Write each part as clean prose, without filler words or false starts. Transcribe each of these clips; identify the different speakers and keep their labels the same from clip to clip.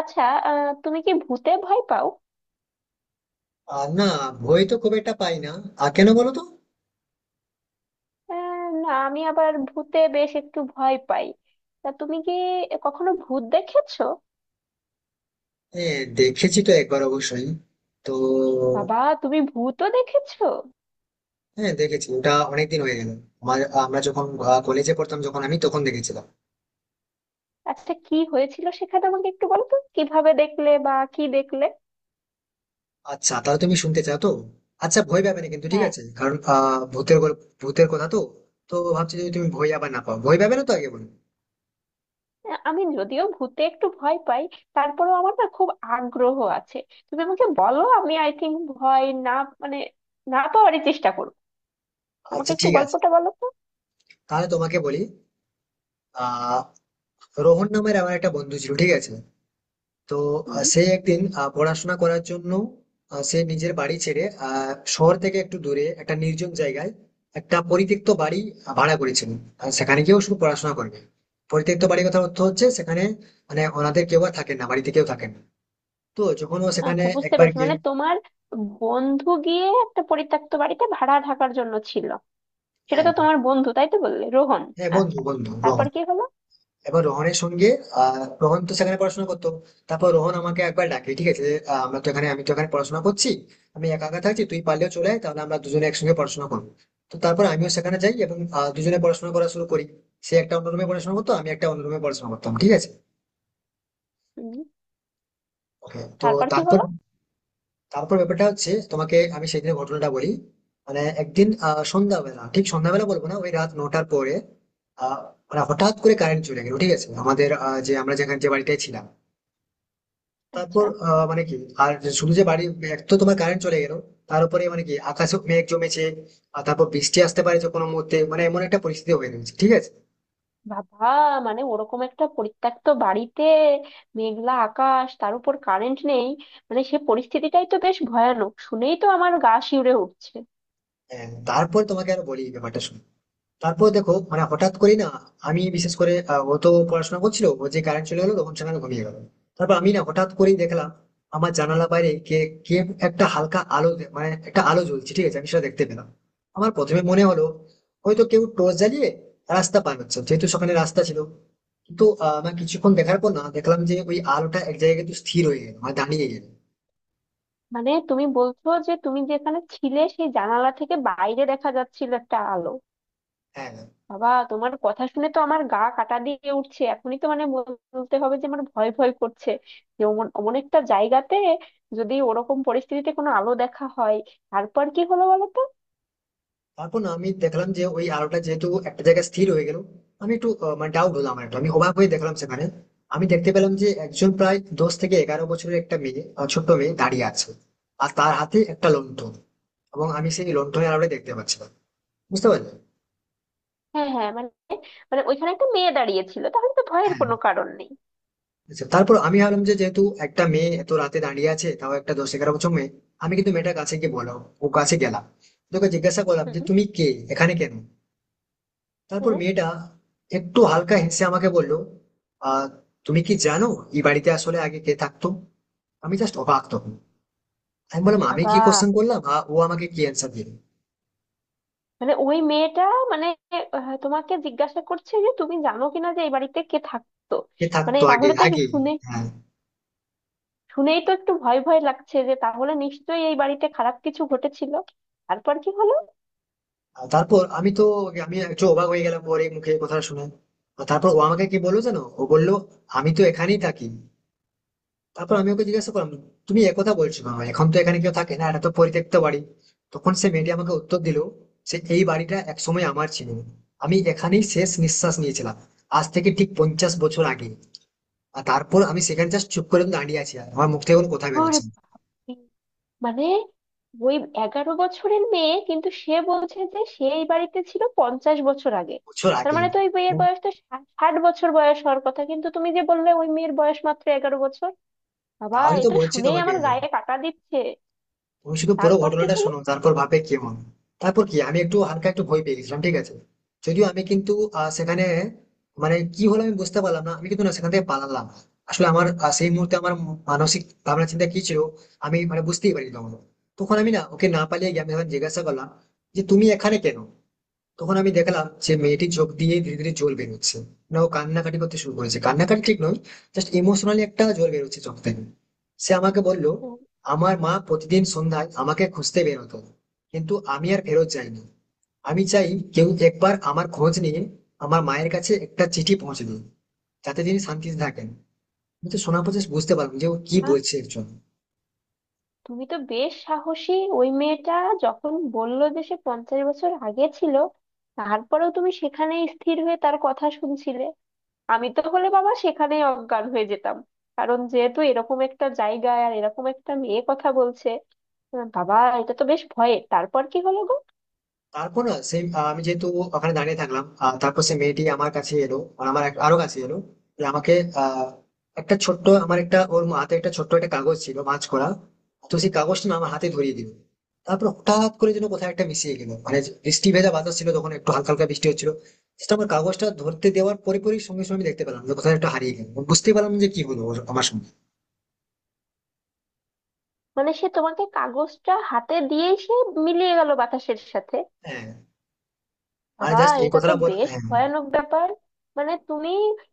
Speaker 1: আচ্ছা। তুমি কি ভূতে ভয় পাও?
Speaker 2: আর না, ভয় তো খুব একটা পাই না। আর কেন বলো তো?
Speaker 1: আহ, না, আমি আবার ভূতে বেশ একটু ভয় পাই। তা তুমি কি কখনো ভূত দেখেছো?
Speaker 2: হ্যাঁ, দেখেছি তো একবার অবশ্যই। তো
Speaker 1: বাবা, তুমি ভূতও দেখেছো?
Speaker 2: হ্যাঁ দেখেছি, ওটা অনেকদিন হয়ে গেল। আমার আমরা যখন কলেজে পড়তাম যখন আমি তখন দেখেছিলাম।
Speaker 1: আচ্ছা, কি হয়েছিল সেখানে? আমাকে একটু বলো তো কিভাবে দেখলে বা কি দেখলে।
Speaker 2: আচ্ছা তাহলে তুমি শুনতে চাও তো? আচ্ছা ভয় পাবে না কিন্তু, ঠিক
Speaker 1: হ্যাঁ।
Speaker 2: আছে? কারণ ভূতের গল্প ভূতের কথা তো। তো ভাবছি যদি তুমি ভয় আবার না পাও, ভয় পাবে না তো? আগে বলো।
Speaker 1: আমি যদিও ভূতে একটু ভয় পাই, তারপরেও আমার না খুব আগ্রহ আছে। তুমি আমাকে বলো, আমি আই থিংক ভয় না মানে না পাওয়ারই চেষ্টা করবো। আমাকে
Speaker 2: আচ্ছা
Speaker 1: একটু
Speaker 2: ঠিক আছে,
Speaker 1: গল্পটা বলো
Speaker 2: তাহলে তোমাকে বলি। আহ রোহন নামের আমার একটা বন্ধু ছিল, ঠিক আছে? তো
Speaker 1: তো।
Speaker 2: সে একদিন পড়াশোনা করার জন্য সে নিজের বাড়ি ছেড়ে শহর থেকে একটু দূরে একটা নির্জন জায়গায় একটা পরিত্যক্ত বাড়ি ভাড়া করেছিল আর সেখানে গিয়েও শুধু পড়াশোনা করবে। পরিত্যক্ত বাড়ির কথা অর্থ হচ্ছে সেখানে মানে ওনাদের কেউ আর থাকেন না, বাড়িতে কেউ থাকেন না। তো যখন ও সেখানে
Speaker 1: আচ্ছা, বুঝতে
Speaker 2: একবার
Speaker 1: পেরেছি।
Speaker 2: গিয়ে।
Speaker 1: মানে তোমার বন্ধু গিয়ে একটা পরিত্যক্ত বাড়িতে ভাড়া থাকার জন্য ছিল। সেটা
Speaker 2: হ্যাঁ,
Speaker 1: তো তোমার বন্ধু, তাই তো বললে, রোহন।
Speaker 2: হ্যাঁ, বন্ধু
Speaker 1: আচ্ছা,
Speaker 2: বন্ধু গ্রহ।
Speaker 1: তারপর কি হলো?
Speaker 2: এবার রোহনের সঙ্গে আহ রোহন তো সেখানে পড়াশোনা করতো। তারপর রোহন আমাকে একবার ডাকে, ঠিক আছে, যে, আমরা তো এখানে আমি তো এখানে পড়াশোনা করছি, আমি একা একা থাকছি, তুই পারলেও চলে আয়, তাহলে আমরা দুজনে একসঙ্গে পড়াশোনা করবো। তো তারপর আমিও সেখানে যাই এবং দুজনে পড়াশোনা করা শুরু করি। সে একটা অন্য রুমে পড়াশোনা করতো, আমি একটা অন্য রুমে পড়াশোনা করতাম, ঠিক আছে।
Speaker 1: হুম।
Speaker 2: ওকে, তো
Speaker 1: তারপর কি
Speaker 2: তারপর
Speaker 1: হলো?
Speaker 2: তারপর ব্যাপারটা হচ্ছে তোমাকে আমি সেদিনের ঘটনাটা বলি। মানে একদিন সন্ধ্যাবেলা, ঠিক সন্ধ্যাবেলা বলবো না, ওই রাত 9টার পরে আহ মানে হঠাৎ করে কারেন্ট চলে গেল, ঠিক আছে, আমাদের যে আমরা যেখানে যে বাড়িটায় ছিলাম। তারপর
Speaker 1: আচ্ছা।
Speaker 2: মানে কি আর শুধু যে বাড়ি, এক তো তোমার কারেন্ট চলে গেল, তার উপরে মানে কি আকাশে মেঘ জমেছে, আর তারপর বৃষ্টি আসতে পারে যে কোনো মুহূর্তে, মানে এমন একটা পরিস্থিতি হয়ে গেছে, ঠিক আছে।
Speaker 1: বাবা, মানে ওরকম একটা পরিত্যক্ত বাড়িতে, মেঘলা আকাশ, তার উপর কারেন্ট নেই, মানে সে পরিস্থিতিটাই তো বেশ ভয়ানক, শুনেই তো আমার গা শিউরে উঠছে।
Speaker 2: হ্যাঁ, তারপর তোমাকে আর বলি এই ব্যাপারটা শুনে। তারপর দেখো মানে হঠাৎ করি না, আমি বিশেষ করে ও তো পড়াশোনা করছিল, ও যে কারেন্ট চলে গেলো তখন সেখানে ঘুমিয়ে গেল। তারপর আমি না হঠাৎ করেই দেখলাম আমার জানালা বাইরে কে কে একটা হালকা আলো মানে একটা আলো জ্বলছে, ঠিক আছে, আমি সেটা দেখতে পেলাম। আমার প্রথমে মনে হলো হয়তো কেউ টর্চ জ্বালিয়ে রাস্তা পার হচ্ছে, যেহেতু সকালে রাস্তা ছিল। কিন্তু আমার কিছুক্ষণ দেখার পর না দেখলাম যে ওই আলোটা এক জায়গায় কিন্তু স্থির হয়ে গেল মানে দাঁড়িয়ে গেল।
Speaker 1: মানে তুমি বলছো যে তুমি যেখানে ছিলে সেই জানালা থেকে বাইরে দেখা যাচ্ছিল একটা আলো।
Speaker 2: হ্যাঁ,
Speaker 1: বাবা, তোমার কথা শুনে তো আমার গা কাটা দিয়ে উঠছে এখনই, তো মানে বলতে হবে যে আমার ভয় ভয় করছে। যে অমন অমন একটা জায়গাতে, যদি ওরকম পরিস্থিতিতে কোনো আলো দেখা হয়। তারপর কি হলো বলো তো?
Speaker 2: তারপর না আমি দেখলাম যে ওই আলোটা যেহেতু একটা জায়গায় স্থির হয়ে গেল, আমি একটু মানে ডাউট হলাম, আমার একটু আমি অবাক হয়ে দেখলাম সেখানে আমি দেখতে পেলাম যে একজন প্রায় 10 থেকে 11 বছরের একটা মেয়ে ছোট্ট মেয়ে দাঁড়িয়ে আছে। আর তার হাতে একটা লণ্ঠন এবং আমি সেই লণ্ঠনের আলোটা দেখতে পাচ্ছিলাম। বুঝতে পারলে?
Speaker 1: হ্যাঁ, হ্যাঁ, মানে, মানে ওইখানে একটা মেয়ে দাঁড়িয়েছিল, তাহলে তো ভয়ের
Speaker 2: হ্যাঁ,
Speaker 1: কোনো কারণ নেই।
Speaker 2: আচ্ছা তারপর আমি ভাবলাম যে যেহেতু একটা মেয়ে এত রাতে দাঁড়িয়ে আছে, তাও একটা 10-11 বছর মেয়ে, আমি কিন্তু মেয়েটার কাছে গিয়ে বললাম, ও কাছে গেলাম, তোকে জিজ্ঞাসা করলাম যে
Speaker 1: হুম।
Speaker 2: তুমি কে, এখানে কেন? তারপর
Speaker 1: হ্যাঁ।
Speaker 2: মেয়েটা একটু হালকা হেসে আমাকে বলল, আহ তুমি কি জানো এই বাড়িতে আসলে আগে কে থাকতো? আমি জাস্ট অবাক তখন। আমি বললাম আমি
Speaker 1: বাবা,
Speaker 2: কি কোশ্চেন করলাম আর ও আমাকে কি অ্যান্সার দিল।
Speaker 1: মানে ওই মেয়েটা মানে তোমাকে জিজ্ঞাসা করছে যে তুমি জানো কিনা যে এই বাড়িতে কে থাকতো।
Speaker 2: কে
Speaker 1: মানে
Speaker 2: থাকতো আগে
Speaker 1: তাহলে তো
Speaker 2: আগে।
Speaker 1: শুনে,
Speaker 2: হ্যাঁ,
Speaker 1: শুনেই তো একটু ভয় ভয় লাগছে যে তাহলে নিশ্চয়ই এই বাড়িতে খারাপ কিছু ঘটেছিল। তারপর কি হলো?
Speaker 2: আর তারপর আমি তো আমি একটু অবাক হয়ে গেলাম ওর এই মুখে কথা শুনে। আর তারপর ও আমাকে কি বললো জানো, ও বললো আমি তো এখানেই থাকি। তারপর আমি ওকে জিজ্ঞাসা করলাম, তুমি একথা বলছো কেন, এখন তো এখানে কেউ থাকে না, এটা তো পরিত্যক্ত বাড়ি। তখন সে মেয়েটি আমাকে উত্তর দিল, সে এই বাড়িটা একসময় আমার ছিল, আমি এখানেই শেষ নিঃশ্বাস নিয়েছিলাম আজ থেকে ঠিক 50 বছর আগে। আর তারপর আমি সেখানে জাস্ট চুপ করে দাঁড়িয়ে আছি আর আমার মুখ থেকে কোনো কথা
Speaker 1: ওরে
Speaker 2: বেরোচ্ছে না।
Speaker 1: বাপরে! মানে ওই 11 বছরের মেয়ে, কিন্তু সে বলছে যে সে এই বাড়িতে ছিল 50 বছর আগে।
Speaker 2: বছর
Speaker 1: তার
Speaker 2: আগে।
Speaker 1: মানে তো ওই
Speaker 2: ও,
Speaker 1: মেয়ের বয়স তো 60 বছর বয়স হওয়ার কথা, কিন্তু তুমি যে বললে ওই মেয়ের বয়স মাত্র 11 বছর। বাবা,
Speaker 2: তাহলে তো
Speaker 1: এটা
Speaker 2: বলছি
Speaker 1: শুনেই
Speaker 2: তোমাকে,
Speaker 1: আমার গায়ে কাটা দিচ্ছে।
Speaker 2: তুমি শুধু পুরো
Speaker 1: তারপর কি
Speaker 2: ঘটনাটা
Speaker 1: হলো?
Speaker 2: শোনো তারপর ভাবে কেমন। তারপর কি আমি একটু হালকা একটু ভয় পেয়ে গেছিলাম, ঠিক আছে। যদিও আমি কিন্তু সেখানে মানে কি হলো আমি বুঝতে পারলাম না, আমি কিন্তু না সেখান থেকে পালালাম। আসলে আমার সেই মুহূর্তে আমার মানসিক ভাবনা চিন্তা কি ছিল আমি মানে বুঝতেই পারি তখন। তখন আমি না ওকে না পালিয়ে গিয়ে আমি যখন জিজ্ঞাসা করলাম যে তুমি এখানে কেন, তখন আমি দেখলাম যে মেয়েটির চোখ দিয়ে ধীরে ধীরে জল বেরোচ্ছে। না ও কান্নাকাটি করতে শুরু করেছে, কান্নাকাটি ঠিক নয়, জাস্ট ইমোশনালি একটা জল বেরোচ্ছে চোখ থেকে। সে আমাকে বলল আমার মা প্রতিদিন সন্ধ্যায় আমাকে খুঁজতে বেরোতো কিন্তু আমি আর ফেরত যাইনি। আমি চাই কেউ একবার আমার খোঁজ নিয়ে আমার মায়ের কাছে একটা চিঠি পৌঁছে দিন যাতে তিনি শান্তিতে থাকেন। আমি তো শোনার পর just বুঝতে পারলাম যে ও কি বলছে একজন।
Speaker 1: তুমি তো বেশ সাহসী। ওই মেয়েটা যখন বললো যে সে 50 বছর আগে ছিল, তারপরেও তুমি সেখানে স্থির হয়ে তার কথা শুনছিলে। আমি তো হলে বাবা সেখানেই অজ্ঞান হয়ে যেতাম, কারণ যেহেতু এরকম একটা জায়গায় আর এরকম একটা মেয়ে কথা বলছে। বাবা, এটা তো বেশ ভয়ের। তারপর কি হলো গো?
Speaker 2: তারপর না সেই আমি যেহেতু ওখানে দাঁড়িয়ে থাকলাম তারপর সেই মেয়েটি আমার কাছে এলো, মানে আমার আরো কাছে এলো যে আমাকে আহ, একটা ছোট্ট আমার একটা ওর হাতে একটা ছোট্ট একটা কাগজ ছিল মাছ করা। তো সেই কাগজটা না আমার হাতে ধরিয়ে দিল। তারপর হঠাৎ করে যেন কোথায় একটা মিশিয়ে গেল, মানে যে বৃষ্টি ভেজা বাতাস ছিল তখন একটু হালকা হালকা বৃষ্টি হচ্ছিল, সেটা আমার কাগজটা ধরতে দেওয়ার পরে পরে সঙ্গে সঙ্গে আমি দেখতে পেলাম যে কোথায় একটা হারিয়ে গেল, মানে বুঝতে পারলাম না যে কি হলো আমার সঙ্গে।
Speaker 1: মানে সে তোমাকে কাগজটা হাতে দিয়েই সে মিলিয়ে গেল বাতাসের সাথে।
Speaker 2: হ্যাঁ, মানে
Speaker 1: বাবা,
Speaker 2: জাস্ট এই
Speaker 1: এটা তো
Speaker 2: কথাটা বল,
Speaker 1: বেশ
Speaker 2: হ্যাঁ।
Speaker 1: ভয়ানক ব্যাপার। মানে তুমি,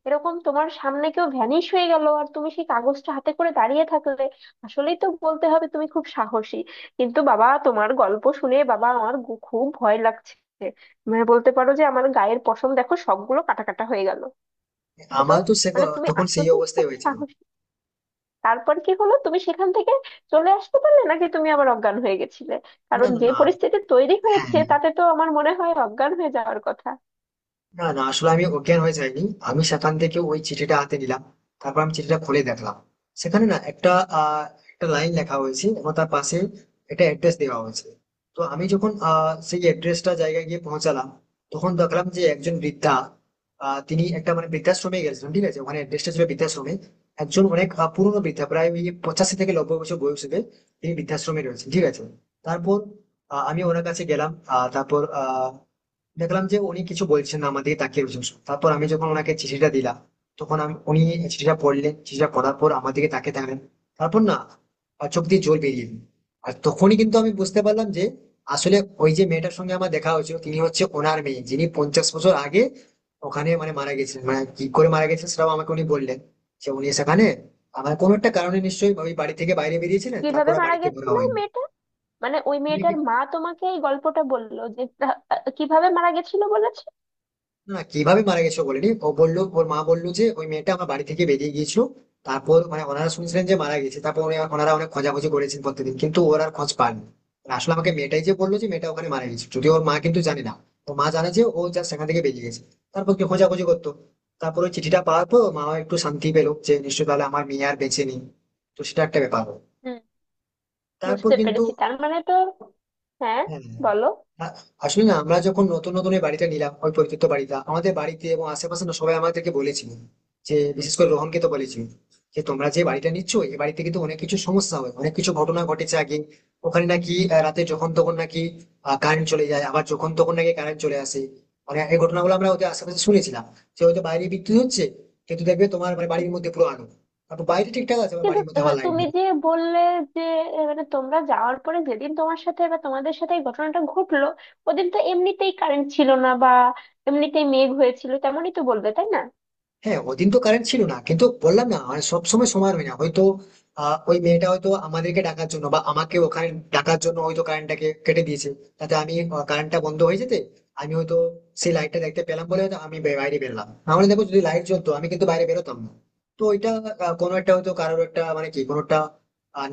Speaker 1: এরকম তোমার সামনে কেউ ভ্যানিশ হয়ে গেল আর তুমি সেই কাগজটা হাতে করে দাঁড়িয়ে থাকলে। আসলেই তো বলতে হবে তুমি খুব সাহসী। কিন্তু বাবা তোমার গল্প শুনে বাবা আমার খুব ভয় লাগছে। মানে বলতে পারো যে আমার গায়ের পশম দেখো সবগুলো কাটা কাটা হয়ে গেল। এটা তো,
Speaker 2: আমার তো সে
Speaker 1: মানে তুমি
Speaker 2: তখন
Speaker 1: আসলে
Speaker 2: সেই
Speaker 1: খুব
Speaker 2: অবস্থায় হয়েছিল।
Speaker 1: সাহসী। তারপর কি হলো? তুমি সেখান থেকে চলে আসতে পারলে নাকি তুমি আবার অজ্ঞান হয়ে গেছিলে?
Speaker 2: না
Speaker 1: কারণ
Speaker 2: না
Speaker 1: যে
Speaker 2: না।
Speaker 1: পরিস্থিতি তৈরি
Speaker 2: হ্যাঁ।
Speaker 1: হয়েছে, তাতে তো আমার মনে হয় অজ্ঞান হয়ে যাওয়ার কথা।
Speaker 2: না না আসলে আমি অজ্ঞান হয়ে যাইনি, আমি সেখান থেকে ওই চিঠিটা হাতে নিলাম। তারপর আমি চিঠিটা খুলে দেখলাম সেখানে না একটা আহ, একটা লাইন লেখা হয়েছে এবং তার পাশে একটা অ্যাড্রেস দেওয়া হয়েছে। তো আমি যখন সেই অ্যাড্রেসটা জায়গায় গিয়ে পৌঁছালাম তখন দেখলাম যে একজন বৃদ্ধা, তিনি একটা মানে বৃদ্ধাশ্রমে গেছিলেন, ঠিক আছে, ওখানে অ্যাড্রেসটা ছিল বৃদ্ধাশ্রমে। একজন অনেক পুরনো বৃদ্ধা, প্রায় ওই 85 থেকে 90 বছর বয়স হবে, তিনি বৃদ্ধাশ্রমে রয়েছেন, ঠিক আছে। তারপর আমি ওনার কাছে গেলাম তারপর দেখলাম যে উনি কিছু বলছেন না আমাদের তাকিয়ে রয়েছেন শুধু। তারপর আমি যখন ওনাকে চিঠিটা দিলাম, তখন আমি উনি চিঠিটা পড়লেন, চিঠিটা পড়ার পর আমার দিকে তাকিয়ে থাকলেন। তারপর না আর চোখ দিয়ে জল বেরিয়ে এলো। আর তখনই কিন্তু আমি বুঝতে পারলাম যে আসলে ওই যে মেয়েটার সঙ্গে আমার দেখা হয়েছিল তিনি হচ্ছে ওনার মেয়ে যিনি 50 বছর আগে ওখানে মানে মারা গেছিলেন। মানে কি করে মারা গেছেন সেটাও আমাকে উনি বললেন যে উনি সেখানে আমার কোনো একটা কারণে নিশ্চয়ই ওই বাড়ি থেকে বাইরে বেরিয়েছিলেন, তারপর
Speaker 1: কিভাবে
Speaker 2: আর
Speaker 1: মারা
Speaker 2: বাড়িতে ঘোরা
Speaker 1: গেছিল ওই
Speaker 2: হয়নি।
Speaker 1: মেয়েটা? মানে ওই
Speaker 2: তিনি।
Speaker 1: মেয়েটার মা তোমাকে এই গল্পটা বললো যে কিভাবে মারা গেছিল বলেছে?
Speaker 2: না কিভাবে মারা গেছে ও বলেনি, ও বললো ওর মা বললো যে ওই মেয়েটা আমার বাড়ি থেকে বেরিয়ে গিয়েছিল। তারপর মানে ওনারা শুনছিলেন যে মারা গেছে, তারপর ওনারা অনেক খোঁজাখুঁজি করেছেন প্রত্যেকদিন কিন্তু ওর আর খোঁজ পাননি। আর আসলে আমাকে মেয়েটাই যে বললো যে মেয়েটা ওখানে মারা গেছে, যদিও ওর মা কিন্তু জানে না। তো মা জানে যে ও যা সেখান থেকে বেরিয়ে গেছে, তারপর কি খোঁজাখুঁজি করতো। তারপর ওই চিঠিটা পাওয়ার পর মা একটু শান্তি পেলো যে নিশ্চয়ই তাহলে আমার মেয়ে আর বেঁচে নেই। তো সেটা একটা ব্যাপার হলো।
Speaker 1: হুম,
Speaker 2: তারপর
Speaker 1: বুঝতে
Speaker 2: কিন্তু
Speaker 1: পেরেছি। তার মানে তো। হ্যাঁ,
Speaker 2: হ্যাঁ, হ্যাঁ।
Speaker 1: বলো।
Speaker 2: আ- আসলে না আমরা যখন নতুন নতুন এই বাড়িটা নিলাম ওই পরিত্যক্ত বাড়িটা আমাদের বাড়িতে এবং আশেপাশে না সবাই আমাদেরকে বলেছিল, যে বিশেষ করে রোহনকে তো বলেছিল যে তোমরা যে বাড়িটা নিচ্ছ এই বাড়িতে কিন্তু অনেক কিছু সমস্যা হয়, অনেক কিছু ঘটনা ঘটেছে আগে। ওখানে নাকি রাতে যখন তখন নাকি কারেন্ট চলে যায়, আবার যখন তখন নাকি কারেন্ট চলে আসে। মানে এই ঘটনাগুলো আমরা ওদের আশেপাশে শুনেছিলাম যে হয়তো বাইরে বিদ্যুৎ হচ্ছে কিন্তু দেখবে তোমার মানে বাড়ির মধ্যে পুরো আলো, তারপর বাইরে ঠিকঠাক আছে আবার
Speaker 1: কিন্তু
Speaker 2: বাড়ির মধ্যে আবার লাইট।
Speaker 1: তুমি যে বললে যে মানে তোমরা যাওয়ার পরে যেদিন তোমার সাথে বা তোমাদের সাথে এই ঘটনাটা ঘটলো। ওদিন তো এমনিতেই কারেন্ট ছিল না বা এমনিতেই মেঘ হয়েছিল, তেমনই তো বলবে, তাই না?
Speaker 2: হ্যাঁ ওদিন তো কারেন্ট ছিল না কিন্তু বললাম না মানে সব সময় সময় হয় না, হয়তো ওই মেয়েটা হয়তো আমাদেরকে ডাকার জন্য বা আমাকে ওখানে ডাকার জন্য হয়তো কারেন্টটাকে কেটে দিয়েছে, তাতে আমি কারেন্টটা বন্ধ হয়ে যেতে আমি হয়তো সেই লাইটটা দেখতে পেলাম বলে হয়তো আমি বাইরে বেরলাম, নাহলে দেখো যদি লাইট জ্বলতো আমি কিন্তু বাইরে বেরোতাম না। তো ওইটা কোনো একটা হয়তো কারোর একটা মানে কি কোনো একটা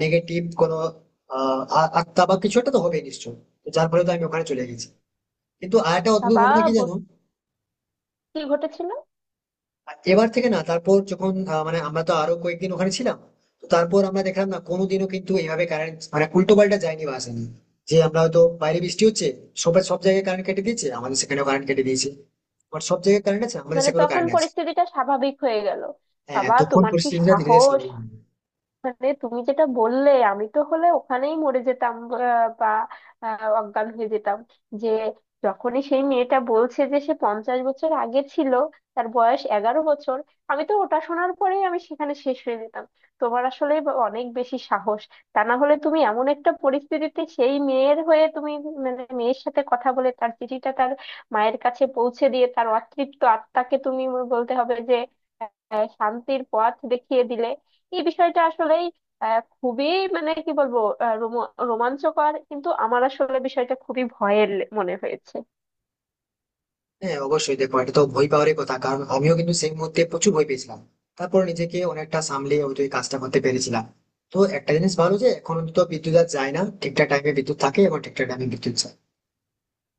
Speaker 2: নেগেটিভ কোনো আত্মা বা কিছু একটা তো হবে নিশ্চয়ই। তো যার ফলে তো আমি ওখানে চলে গেছি। কিন্তু আর একটা অদ্ভুত
Speaker 1: বাবা,
Speaker 2: ঘটনা কি জানো,
Speaker 1: বু- কি ঘটেছিল?
Speaker 2: এবার থেকে না তারপর যখন মানে আমরা তো আরো কয়েকদিন ওখানে ছিলাম। তো তারপর আমরা দেখলাম না কোনোদিনও কিন্তু এইভাবে কারেন্ট মানে উল্টো পাল্টা যায়নি বা আসেনি, যে আমরা হয়তো বাইরে বৃষ্টি হচ্ছে সবাই সব জায়গায় কারেন্ট কেটে দিয়েছে আমাদের সেখানেও কারেন্ট কেটে দিয়েছে, আবার সব জায়গায় কারেন্ট আছে আমাদের
Speaker 1: মানে
Speaker 2: সেখানেও
Speaker 1: তখন
Speaker 2: কারেন্ট আছে।
Speaker 1: পরিস্থিতিটা স্বাভাবিক হয়ে গেল।
Speaker 2: হ্যাঁ
Speaker 1: বাবা,
Speaker 2: তখন
Speaker 1: তোমার কি
Speaker 2: পরিস্থিতিটা ধীরে ধীরে
Speaker 1: সাহস!
Speaker 2: সামনে নিয়ে এলো।
Speaker 1: মানে তুমি যেটা বললে আমি তো হলে ওখানেই মরে যেতাম, বা অজ্ঞান হয়ে যেতাম। যে যখনই সেই মেয়েটা বলছে যে সে 50 বছর আগে ছিল, তার বয়স 11 বছর। আমি তো ওটা শোনার পরেই আমি সেখানে শেষ হয়ে যেতাম। তোমার আসলে অনেক বেশি সাহস। তা না হলে তুমি এমন একটা পরিস্থিতিতে সেই মেয়ের হয়ে তুমি, মানে মেয়ের সাথে কথা বলে তার চিঠিটা তার মায়ের কাছে পৌঁছে দিয়ে তার অতৃপ্ত আত্মাকে তুমি বলতে হবে যে শান্তির পথ দেখিয়ে দিলে। এই বিষয়টা আসলেই খুবই, মানে কি বলবো, রোমাঞ্চকর, কিন্তু আমার আসলে বিষয়টা খুবই ভয়ের মনে হয়েছে।
Speaker 2: হ্যাঁ অবশ্যই দেখো এটা তো ভয় পাওয়ারই কথা, কারণ আমিও কিন্তু সেই মুহূর্তে প্রচুর ভয় পেয়েছিলাম। তারপর নিজেকে অনেকটা সামলিয়ে হয়তো এই কাজটা করতে পেরেছিলাম। তো একটা জিনিস ভালো যে এখন তো বিদ্যুৎ আর যায় না, ঠিকঠাক টাইমে বিদ্যুৎ থাকে এবং ঠিকঠাক টাইমে বিদ্যুৎ যায়।